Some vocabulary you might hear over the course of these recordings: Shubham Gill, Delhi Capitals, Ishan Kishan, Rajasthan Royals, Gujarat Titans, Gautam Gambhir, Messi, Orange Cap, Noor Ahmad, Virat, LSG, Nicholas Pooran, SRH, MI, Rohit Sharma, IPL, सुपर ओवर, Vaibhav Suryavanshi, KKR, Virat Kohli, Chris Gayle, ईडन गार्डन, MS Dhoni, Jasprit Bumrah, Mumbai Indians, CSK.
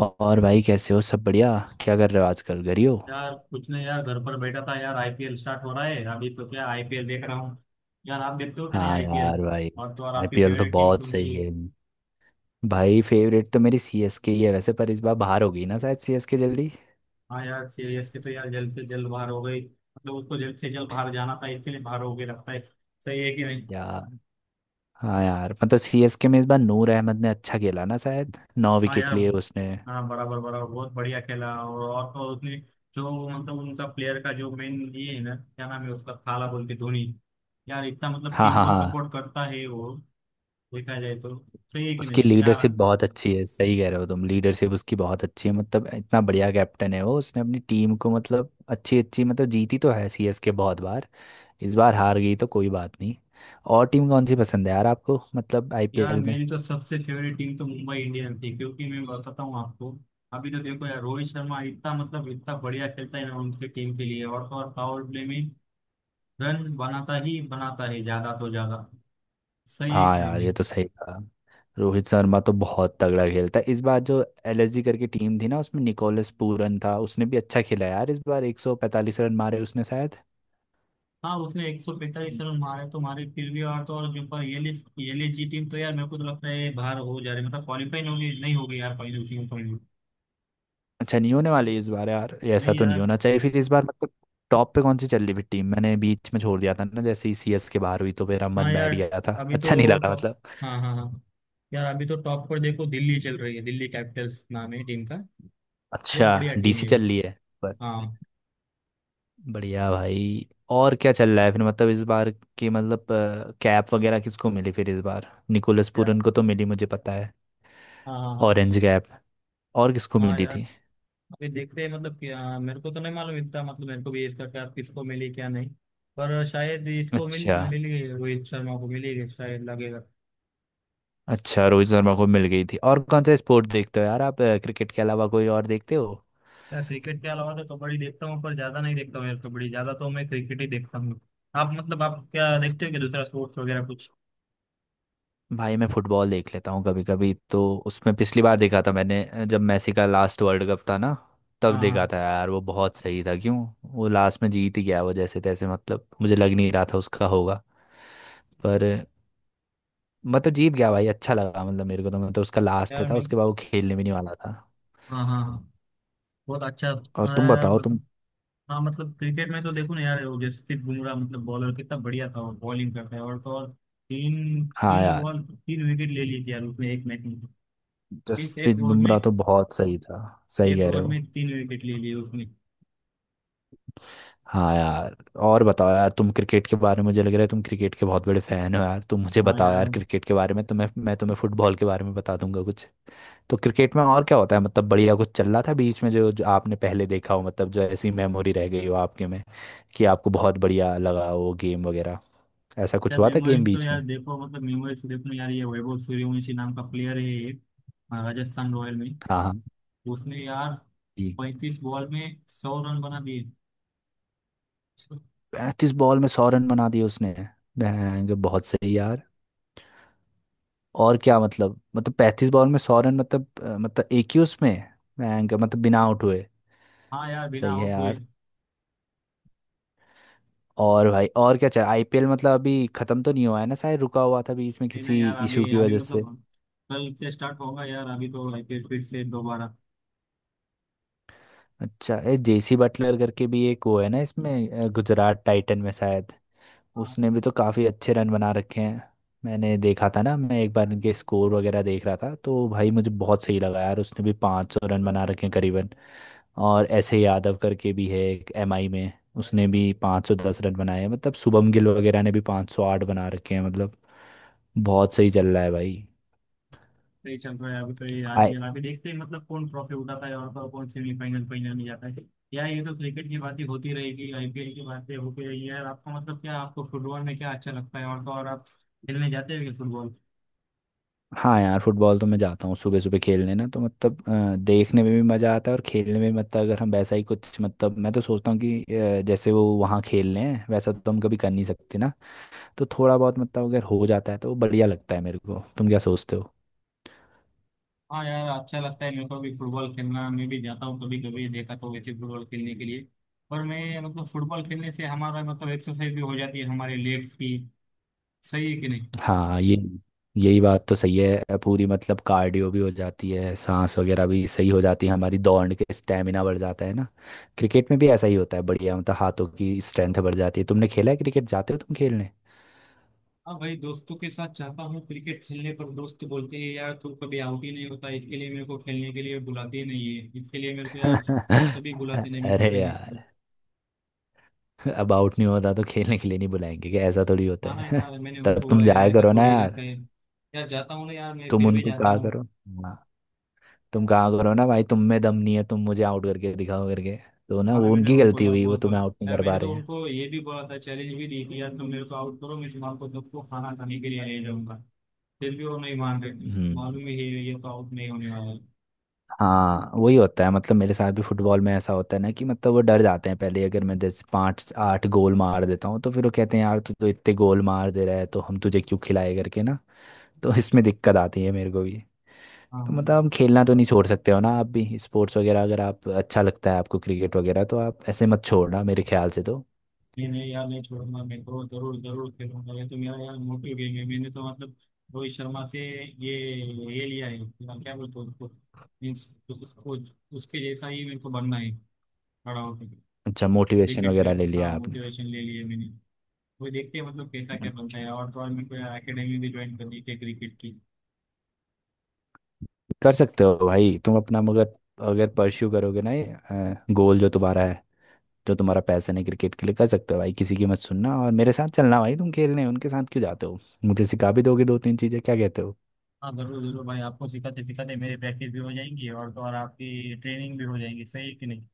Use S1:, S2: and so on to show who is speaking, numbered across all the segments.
S1: और भाई कैसे हो। सब बढ़िया। क्या कर रहे हो आजकल, घर ही हो।
S2: यार कुछ नहीं यार, घर पर बैठा था यार। आईपीएल स्टार्ट हो रहा है अभी, तो क्या, आईपीएल देख रहा हूँ। यार आप देखते हो क्या, नहीं
S1: हाँ
S2: आईपीएल?
S1: यार भाई,
S2: और तो और, आपकी
S1: आईपीएल तो
S2: फेवरेट टीम
S1: बहुत
S2: कौन
S1: सही
S2: सी?
S1: गेम। भाई फेवरेट तो मेरी सीएसके ही है वैसे, पर इस बार बाहर हो गई ना शायद सीएसके जल्दी।
S2: हाँ यार, सीएसके तो यार जल्द से जल्द बाहर हो गई। मतलब उसको जल्द से जल्द बाहर जाना था, इसके लिए बाहर हो गई लगता है। सही है कि नहीं?
S1: या हाँ यार मतलब सीएसके में इस बार नूर अहमद ने अच्छा खेला ना शायद, नौ
S2: हाँ
S1: विकेट
S2: यार।
S1: लिए उसने।
S2: हाँ, बराबर बराबर, बहुत बढ़िया खेला। और तो और, उसने जो, मतलब उनका प्लेयर का जो मेन ये है ना, क्या नाम है उसका, थाला बोल के, धोनी। यार इतना मतलब
S1: हाँ
S2: टीम
S1: हाँ
S2: को
S1: हाँ।
S2: सपोर्ट करता है वो, देखा जाए तो। सही है कि
S1: उसकी
S2: नहीं क्या?
S1: लीडरशिप बहुत अच्छी है, सही कह रहे हो तुम, लीडरशिप उसकी बहुत अच्छी है, मतलब इतना बढ़िया कैप्टन है वो, उसने अपनी टीम को मतलब अच्छी अच्छी मतलब, जीती तो है सीएसके बहुत बार। इस बार हार गई तो कोई बात नहीं। और टीम कौन सी पसंद है यार आपको मतलब
S2: यार
S1: आईपीएल में।
S2: मेरी तो सबसे फेवरेट टीम तो मुंबई इंडियन थी, क्योंकि मैं बताता हूँ आपको। अभी तो देखो यार, रोहित शर्मा इतना मतलब इतना बढ़िया खेलता है ना उनके टीम के लिए। और तो और, पावर प्ले में रन बनाता ही बनाता है, ज्यादा तो ज्यादा। सही है
S1: हाँ
S2: कि नहीं
S1: यार ये
S2: भाई?
S1: तो सही कहा, रोहित शर्मा तो बहुत तगड़ा खेलता है। इस बार जो एलएसजी करके टीम थी ना, उसमें निकोलस पूरन था, उसने भी अच्छा खेला यार इस बार, 145 रन मारे उसने शायद।
S2: हाँ, उसने 145 रन मारे तो मारे, फिर भी। और तो और, जो पर ये लिस्ट, ये लिस्ट जी टीम तो यार मेरे को तो लगता है बाहर हो जा रही, मतलब क्वालिफाई नहीं होगी, नहीं होगी यार फाइनल में।
S1: अच्छा नहीं होने वाली इस बार यार, ये ऐसा
S2: नहीं
S1: तो नहीं
S2: यार।
S1: होना चाहिए फिर इस बार मतलब। टॉप पे कौन सी चल रही फिर टीम, मैंने बीच में छोड़ दिया था ना, जैसे ही सीएस के बाहर हुई तो मेरा
S2: हाँ
S1: मन
S2: यार,
S1: बैठ गया था,
S2: अभी
S1: अच्छा नहीं
S2: तो
S1: लगा
S2: टॉप।
S1: मतलब।
S2: हाँ हाँ हाँ। यार अभी तो टॉप पर देखो, दिल्ली चल रही है, दिल्ली कैपिटल्स नाम है टीम का।
S1: अच्छा
S2: बहुत बढ़िया टीम
S1: डीसी
S2: है।
S1: चल रही है।
S2: हाँ।
S1: बढ़िया भाई। और क्या चल रहा है फिर मतलब इस बार की मतलब कैप वगैरह किसको मिली, फिर इस बार निकोलस
S2: यार
S1: पूरन को तो मिली मुझे पता है,
S2: हाँ हाँ हाँ।
S1: ऑरेंज कैप और किसको
S2: हाँ
S1: मिली
S2: यार,
S1: थी।
S2: अभी देखते हैं मतलब कि हाँ, मेरे को तो नहीं मालूम इतना। मतलब मेरे को भी इसका क्या, किसको मिली क्या नहीं। पर शायद इसको मिल,
S1: अच्छा,
S2: मिली रोहित शर्मा को, मिली शायद, लगेगा।
S1: अच्छा रोहित शर्मा को मिल गई थी। और कौन सा स्पोर्ट देखते हो यार आप, क्रिकेट के अलावा कोई और देखते हो।
S2: यार क्रिकेट के अलावा तो कबड्डी देखता हूँ, पर ज्यादा नहीं देखता हूँ यार कबड्डी, ज्यादा तो मैं क्रिकेट ही देखता हूँ। आप मतलब आप क्या देखते हो, कि दूसरा स्पोर्ट्स वगैरह कुछ?
S1: भाई मैं फुटबॉल देख लेता हूँ कभी कभी तो। उसमें पिछली बार देखा था मैंने, जब मेसी का लास्ट वर्ल्ड कप था ना, तब
S2: हाँ
S1: देखा
S2: हाँ।
S1: था यार, वो बहुत सही था क्यों, वो लास्ट में जीत ही गया वो जैसे तैसे, मतलब मुझे लग नहीं रहा था उसका होगा, पर मतलब जीत गया भाई, अच्छा लगा मतलब मेरे को, तो मतलब उसका लास्ट
S2: यार
S1: था,
S2: मैं तो,
S1: उसके बाद वो खेलने भी नहीं वाला था।
S2: हाँ हाँ हाँ, बहुत अच्छा,
S1: और तुम
S2: मैं
S1: बताओ तुम।
S2: मतलब- हाँ मतलब क्रिकेट में तो देखो ना यार, वो जसप्रीत बुमराह, मतलब बॉलर कितना बढ़िया था, वो बॉलिंग करता है। और तो और, तीन
S1: हाँ
S2: तीन
S1: यार
S2: बॉल, तीन विकेट ले ली थी यार उसने एक मैच में। इस
S1: जसप्रीत
S2: एक ओवर में
S1: बुमराह तो बहुत सही था, सही
S2: एक
S1: कह
S2: ओवर
S1: रहे हो।
S2: में तीन विकेट ले लिए उसने।
S1: हाँ यार। और बताओ यार तुम, क्रिकेट के बारे में मुझे लग रहा है तुम क्रिकेट के बहुत बड़े फैन हो यार, तुम मुझे
S2: हाँ
S1: बताओ
S2: यार।
S1: यार क्रिकेट के बारे में, तुम्हें मैं तुम्हें फुटबॉल के बारे में बता दूंगा कुछ। तो क्रिकेट में और क्या होता है, मतलब बढ़िया कुछ चल रहा था बीच में जो आपने पहले देखा हो, मतलब जो ऐसी मेमोरी रह गई हो आपके में कि आपको बहुत बढ़िया लगा वो गेम वगैरह, ऐसा कुछ
S2: यार
S1: हुआ था गेम
S2: मेमोरीज तो,
S1: बीच
S2: यार
S1: में।
S2: देखो मतलब मेमोरीज तो देखो ना यार, ये वैभव सूर्यवंशी नाम का प्लेयर है, एक। हाँ, राजस्थान रॉयल में।
S1: हाँ हाँ
S2: उसने यार
S1: जी।
S2: 35 बॉल में 100 रन बना दिए।
S1: 35 बॉल में 100 रन बना दिए उसने, बैंग बहुत सही यार। और क्या मतलब मतलब 35 बॉल में 100 रन मतलब मतलब एक ही उसमें, मैं क्या- मतलब बिना आउट हुए।
S2: हाँ यार, बिना
S1: सही है
S2: आउट हुए।
S1: यार। और भाई और क्या चाहिए, आईपीएल मतलब अभी खत्म तो नहीं हुआ है ना शायद, रुका हुआ था बीच में
S2: नहीं ना
S1: किसी
S2: यार,
S1: इशू
S2: अभी
S1: की
S2: अभी
S1: वजह से।
S2: मतलब कल से स्टार्ट होगा यार, अभी तो आईपीएल फिर से दोबारा।
S1: अच्छा ए जेसी बटलर करके भी एक वो है ना इसमें, गुजरात टाइटन में शायद,
S2: हाँ।
S1: उसने भी तो काफी अच्छे रन बना रखे हैं, मैंने देखा था ना, मैं एक बार उनके स्कोर वगैरह देख रहा था, तो भाई मुझे बहुत सही लगा यार, उसने भी 500 रन बना रखे हैं करीबन। और ऐसे यादव करके भी है एक एमआई में, उसने भी 510 रन बनाए हैं मतलब, शुभम गिल वगैरह ने भी 508 बना रखे हैं मतलब, बहुत सही चल रहा है भाई।
S2: तो ये चल रहा है अभी, तो ये
S1: आई
S2: आईपीएल अभी देखते हैं मतलब कौन ट्रॉफी उठाता है, और कौन सेमीफाइनल फाइनल में जाता है। यार ये तो क्रिकेट की बातें होती रहेगी, आईपीएल की बातें होती रहेगी। यार आपको मतलब क्या, आपको फुटबॉल में क्या अच्छा लगता है, और तो और आप खेलने जाते हो फुटबॉल?
S1: हाँ यार फुटबॉल तो मैं जाता हूँ सुबह सुबह खेलने ना, तो मतलब देखने में भी मज़ा आता है और खेलने में, मतलब अगर हम वैसा ही कुछ मतलब, मैं तो सोचता हूँ कि जैसे वो वहाँ खेल रहे हैं वैसा तो हम कभी कर नहीं सकते ना, तो थोड़ा बहुत मतलब अगर हो जाता है तो बढ़िया लगता है मेरे को, तुम क्या सोचते हो।
S2: हाँ यार अच्छा लगता है मेरे को भी फुटबॉल खेलना, मैं भी जाता हूँ कभी कभी देखा तो वैसे, फुटबॉल खेलने के लिए। पर मैं मतलब फुटबॉल खेलने से हमारा मतलब एक्सरसाइज भी हो जाती है हमारे लेग्स की। सही है कि नहीं?
S1: हाँ ये यही बात तो सही है पूरी, मतलब कार्डियो भी हो जाती है, सांस वगैरह भी सही हो जाती है हमारी, दौड़ के स्टेमिना बढ़ जाता है ना। क्रिकेट में भी ऐसा ही होता है बढ़िया, मतलब हाथों की स्ट्रेंथ बढ़ जाती है। तुमने खेला है क्रिकेट, जाते हो तुम खेलने।
S2: हाँ भाई, दोस्तों के साथ चाहता हूँ क्रिकेट खेलने, पर दोस्त बोलते हैं यार तू कभी आउट ही नहीं होता, इसके लिए मेरे को खेलने के लिए बुलाते ही नहीं है, इसके लिए मेरे को यार कभी बुलाते नहीं मेरे को
S1: अरे
S2: खेलने के
S1: यार,
S2: लिए।
S1: अब आउट नहीं होता तो खेलने के लिए नहीं बुलाएंगे क्या, ऐसा थोड़ी होता
S2: हाँ
S1: है।
S2: यार, मैंने
S1: तब
S2: उनको
S1: तुम
S2: बोला यार
S1: जाया
S2: ऐसा
S1: करो ना
S2: थोड़ी
S1: यार,
S2: रहता है। यार जाता हूँ ना यार, मैं
S1: तुम
S2: फिर भी
S1: उनको
S2: जाता
S1: कहा
S2: हूँ।
S1: करो। हाँ तुम कहा करो ना भाई, तुम में दम नहीं है, तुम मुझे आउट करके दिखाओ करके, तो ना
S2: हाँ ना,
S1: वो
S2: मैंने
S1: उनकी
S2: उनको
S1: गलती
S2: यार
S1: हुई वो
S2: बहुत बार,
S1: तुम्हें आउट नहीं
S2: यार
S1: कर पा
S2: मैंने
S1: रहे
S2: तो
S1: हैं।
S2: उनको ये भी बोला था, चैलेंज भी दी थी, यार तुम मेरे को आउट करो मैं तुम्हारे सबको खाना खाने के लिए ले जाऊंगा। फिर भी वो नहीं मान रहे थे,
S1: हम्म।
S2: मालूम है, ये तो आउट नहीं होने वाला है।
S1: हाँ वही होता है, मतलब मेरे साथ भी फुटबॉल में ऐसा होता है ना, कि मतलब वो डर जाते हैं पहले ही। अगर मैं जैसे 5 8 गोल मार देता हूँ तो फिर वो कहते हैं, यार तू तो इतने गोल मार दे रहा है तो हम तुझे क्यों खिलाए करके ना, तो इसमें दिक्कत आती है मेरे को भी।
S2: हाँ
S1: तो मतलब
S2: हाँ।
S1: हम खेलना तो नहीं छोड़ सकते हो ना, आप भी स्पोर्ट्स वगैरह अगर आप, अच्छा लगता है आपको क्रिकेट वगैरह तो आप ऐसे मत छोड़ना मेरे ख्याल से तो।
S2: नहीं नहीं यार, नहीं छोड़ूंगा मैं तो, जरूर जरूर खेलूंगा। ये तो मेरा यार मोटिव गेम है। मैंने तो मतलब रोहित शर्मा से ये ये लिया है, क्या क्या बोलते हैं उसको, मीन्स उसको, उसके जैसा ही मेरे को बनना है, खड़ा होकर
S1: अच्छा मोटिवेशन
S2: क्रिकेट
S1: वगैरह
S2: प्लेयर।
S1: ले
S2: हाँ
S1: लिया आपने।
S2: मोटिवेशन ले लिए मैंने। वो देखते हैं मतलब कैसा क्या बनता है। और तो और मेरे को यार अकेडमी भी ज्वाइन करनी थी क्रिकेट की।
S1: कर सकते हो भाई तुम अपना, मगर अगर परस्यू करोगे ना ये गोल जो तुम्हारा है, जो तुम्हारा पैसन है क्रिकेट के लिए, कर सकते हो भाई, किसी की मत सुनना और मेरे साथ चलना भाई, तुम खेलने उनके साथ क्यों जाते हो, मुझे सिखा भी दोगे 2 3 चीजें, क्या कहते हो।
S2: हाँ जरूर जरूर भाई, आपको सिखाते सिखाते मेरी प्रैक्टिस भी हो जाएंगी, और तो और आपकी ट्रेनिंग भी हो जाएगी। सही है कि नहीं?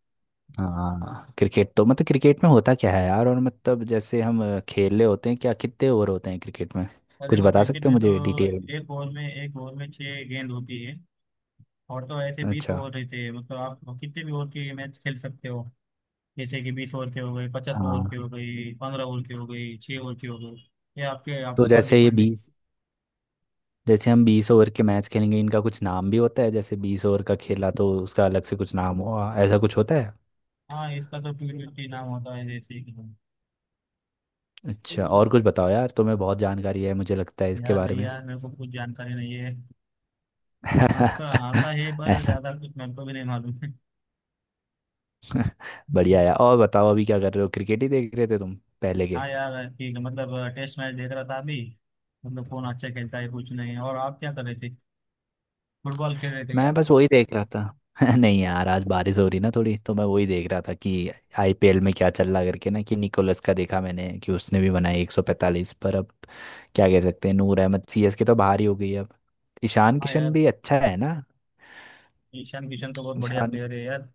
S1: हाँ क्रिकेट तो मतलब, क्रिकेट में होता क्या है यार, और मतलब जैसे हम खेल रहे होते हैं क्या, कितने ओवर होते हैं क्रिकेट में,
S2: और
S1: कुछ
S2: देखो
S1: बता
S2: क्रिकेट
S1: सकते हो
S2: में तो,
S1: मुझे डिटेल में।
S2: एक ओवर में छह गेंद होती है। और तो ऐसे 20
S1: अच्छा।
S2: ओवर रहते हैं, मतलब आप कितने भी ओवर के मैच खेल सकते हो। जैसे कि 20 ओवर के हो गए, 50 ओवर
S1: हाँ।
S2: के हो गई, 15 ओवर के हो गई, छह ओवर के हो गए। ये आपके
S1: तो
S2: आप पर
S1: जैसे ये
S2: डिपेंड है।
S1: बीस, जैसे हम 20 ओवर के मैच खेलेंगे, इनका कुछ नाम भी होता है, जैसे 20 ओवर का खेला तो उसका अलग से कुछ नाम हुआ, ऐसा कुछ होता है।
S2: हाँ, इसका तो T20 नाम होता है, जैसे कि।
S1: अच्छा और कुछ बताओ यार, तुम्हें बहुत जानकारी है मुझे लगता है इसके
S2: यार
S1: बारे
S2: नहीं
S1: में।
S2: यार, मेरे को कुछ जानकारी नहीं है। अच्छा आता है पर
S1: ऐसा,
S2: ज्यादा कुछ मेरे को भी नहीं मालूम है।
S1: बढ़िया है। और बताओ अभी क्या कर रहे हो, क्रिकेट ही देख रहे थे तुम पहले के।
S2: हाँ यार ठीक है, मतलब टेस्ट मैच देख रहा था अभी, मतलब कौन अच्छा खेलता है कुछ नहीं। और आप क्या कर रहे थे, फुटबॉल खेल रहे थे
S1: मैं
S2: क्या?
S1: बस वही देख रहा था। नहीं यार, आज बारिश हो रही ना थोड़ी तो मैं वही देख रहा था कि आईपीएल में क्या चल रहा करके ना, कि निकोलस का देखा मैंने कि उसने भी बनाई 145, पर अब क्या कह सकते हैं, नूर अहमद, सीएसके तो बाहर ही हो गई है अब। ईशान
S2: हाँ
S1: किशन
S2: यार,
S1: भी अच्छा है ना,
S2: ईशान किशन तो बहुत बढ़िया
S1: ईशान
S2: प्लेयर है यार।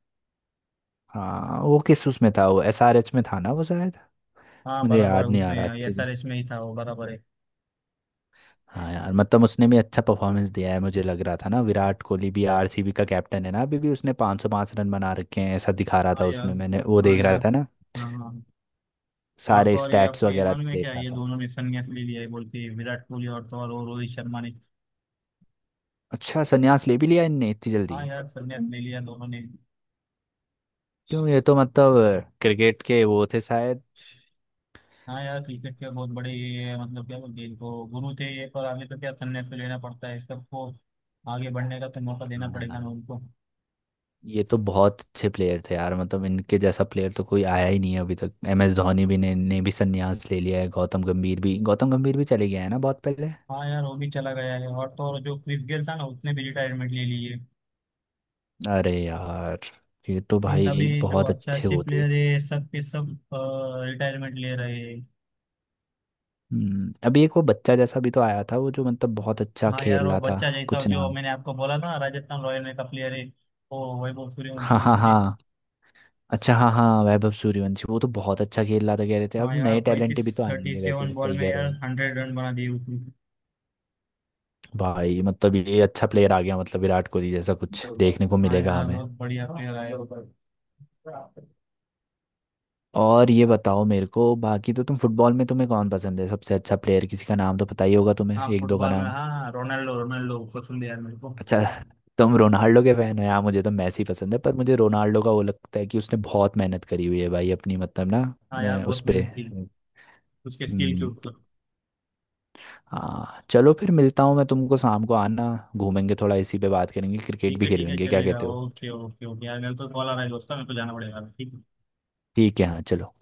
S1: हाँ वो किस उसमें था, वो एसआरएच में था ना वो शायद,
S2: हाँ
S1: मुझे
S2: बराबर,
S1: याद नहीं आ
S2: उसमें
S1: रहा अच्छे से।
S2: एसआरएच में ही था वो बराबर है।
S1: हाँ यार मतलब उसने भी अच्छा परफॉर्मेंस दिया है, मुझे लग रहा था ना विराट कोहली भी आरसीबी का कैप्टन है ना अभी भी, उसने 505 रन बना रखे हैं ऐसा दिखा रहा
S2: हाँ
S1: था
S2: यार।
S1: उसमें मैंने, वो
S2: हाँ
S1: देख रहा
S2: यार।
S1: था ना
S2: हाँ हाँ। और तो
S1: सारे
S2: और, ये
S1: स्टैट्स
S2: आपको ये
S1: वगैरह
S2: मालूम है
S1: देख
S2: क्या,
S1: रहा
S2: ये
S1: था।
S2: दोनों ने संन्यास ले लिया है बोल के, विराट कोहली और तो और वो रोहित शर्मा ने।
S1: अच्छा संन्यास ले भी लिया इनने इतनी जल्दी,
S2: हाँ यार, संन्यास ले लिया दोनों ने।
S1: क्यों, ये तो मतलब क्रिकेट के वो थे शायद।
S2: हाँ यार क्रिकेट के बहुत बड़े ये, मतलब क्या बोलते हैं इनको, गुरु थे ये, पर आगे तो क्या, संन्यास तो लेना पड़ता है सबको, आगे बढ़ने का तो मौका देना
S1: हाँ
S2: पड़ेगा
S1: यार
S2: ना उनको।
S1: ये तो बहुत अच्छे प्लेयर थे यार, मतलब इनके जैसा प्लेयर तो कोई आया ही नहीं है अभी तक, एम एस धोनी भी ने भी संन्यास ले लिया है, गौतम गंभीर भी, गौतम गंभीर भी चले गया है ना बहुत पहले।
S2: हाँ यार वो भी चला गया है, और तो और जो क्रिस गेल था ना उसने भी रिटायरमेंट ले ली है।
S1: अरे यार, ये तो
S2: मीन्स अभी
S1: भाई
S2: जो
S1: बहुत
S2: अच्छे
S1: अच्छे
S2: अच्छे
S1: वो थे।
S2: प्लेयर है सब के सब रिटायरमेंट ले रहे हैं।
S1: अभी एक वो बच्चा जैसा भी तो आया था, वो जो मतलब बहुत अच्छा
S2: हाँ यार
S1: खेल
S2: वो
S1: रहा था,
S2: बच्चा जैसा
S1: कुछ
S2: जो
S1: नाम।
S2: मैंने आपको बोला ना, राजस्थान रॉयल में का प्लेयर है, वो वैभव
S1: हाँ
S2: सूर्यवंशी
S1: हाँ
S2: बोल के।
S1: हाँ, अच्छा हाँ हाँ वैभव सूर्यवंशी, वो तो बहुत अच्छा खेल रहा था, कह रहे थे
S2: हाँ
S1: अब
S2: यार,
S1: नए टैलेंट
S2: 35
S1: भी तो
S2: थर्टी
S1: आएंगे
S2: सेवन
S1: वैसे,
S2: बॉल
S1: सही
S2: में
S1: कह रहे
S2: यार
S1: हो
S2: 100 रन बना दिए उसने।
S1: भाई। मतलब ये अच्छा प्लेयर आ गया, मतलब विराट कोहली जैसा कुछ देखने को
S2: हाँ
S1: मिलेगा
S2: यार
S1: हमें।
S2: बहुत बढ़िया प्लेयर है।
S1: और ये बताओ मेरे को बाकी, तो तुम फुटबॉल में तुम्हें कौन पसंद है सबसे अच्छा प्लेयर, किसी का नाम तो पता ही होगा तुम्हें,
S2: हाँ
S1: एक दो का
S2: फुटबॉल में,
S1: नाम।
S2: हाँ, रोनाल्डो, रोनाल्डो पसंद है यार मेरे को।
S1: अच्छा, तुम रोनाल्डो के फैन हो यार, मुझे तो मैसी पसंद है, पर मुझे रोनाल्डो का वो लगता है कि उसने बहुत मेहनत करी हुई है भाई अपनी मतलब ना,
S2: हाँ यार
S1: उस
S2: बहुत मेहनत
S1: पे।
S2: की, उसके स्किल के
S1: हम्म,
S2: ऊपर।
S1: हाँ चलो फिर मिलता हूँ मैं तुमको, शाम को आना, घूमेंगे थोड़ा, इसी पे बात करेंगे, क्रिकेट
S2: ठीक
S1: भी
S2: है ठीक है,
S1: खेलेंगे, क्या
S2: चलेगा,
S1: कहते हो।
S2: Okay okay okay. यार मेरे को कॉल आ रहा है दोस्तों, मेरे को जाना पड़ेगा, ठीक है।
S1: ठीक है, हाँ चलो।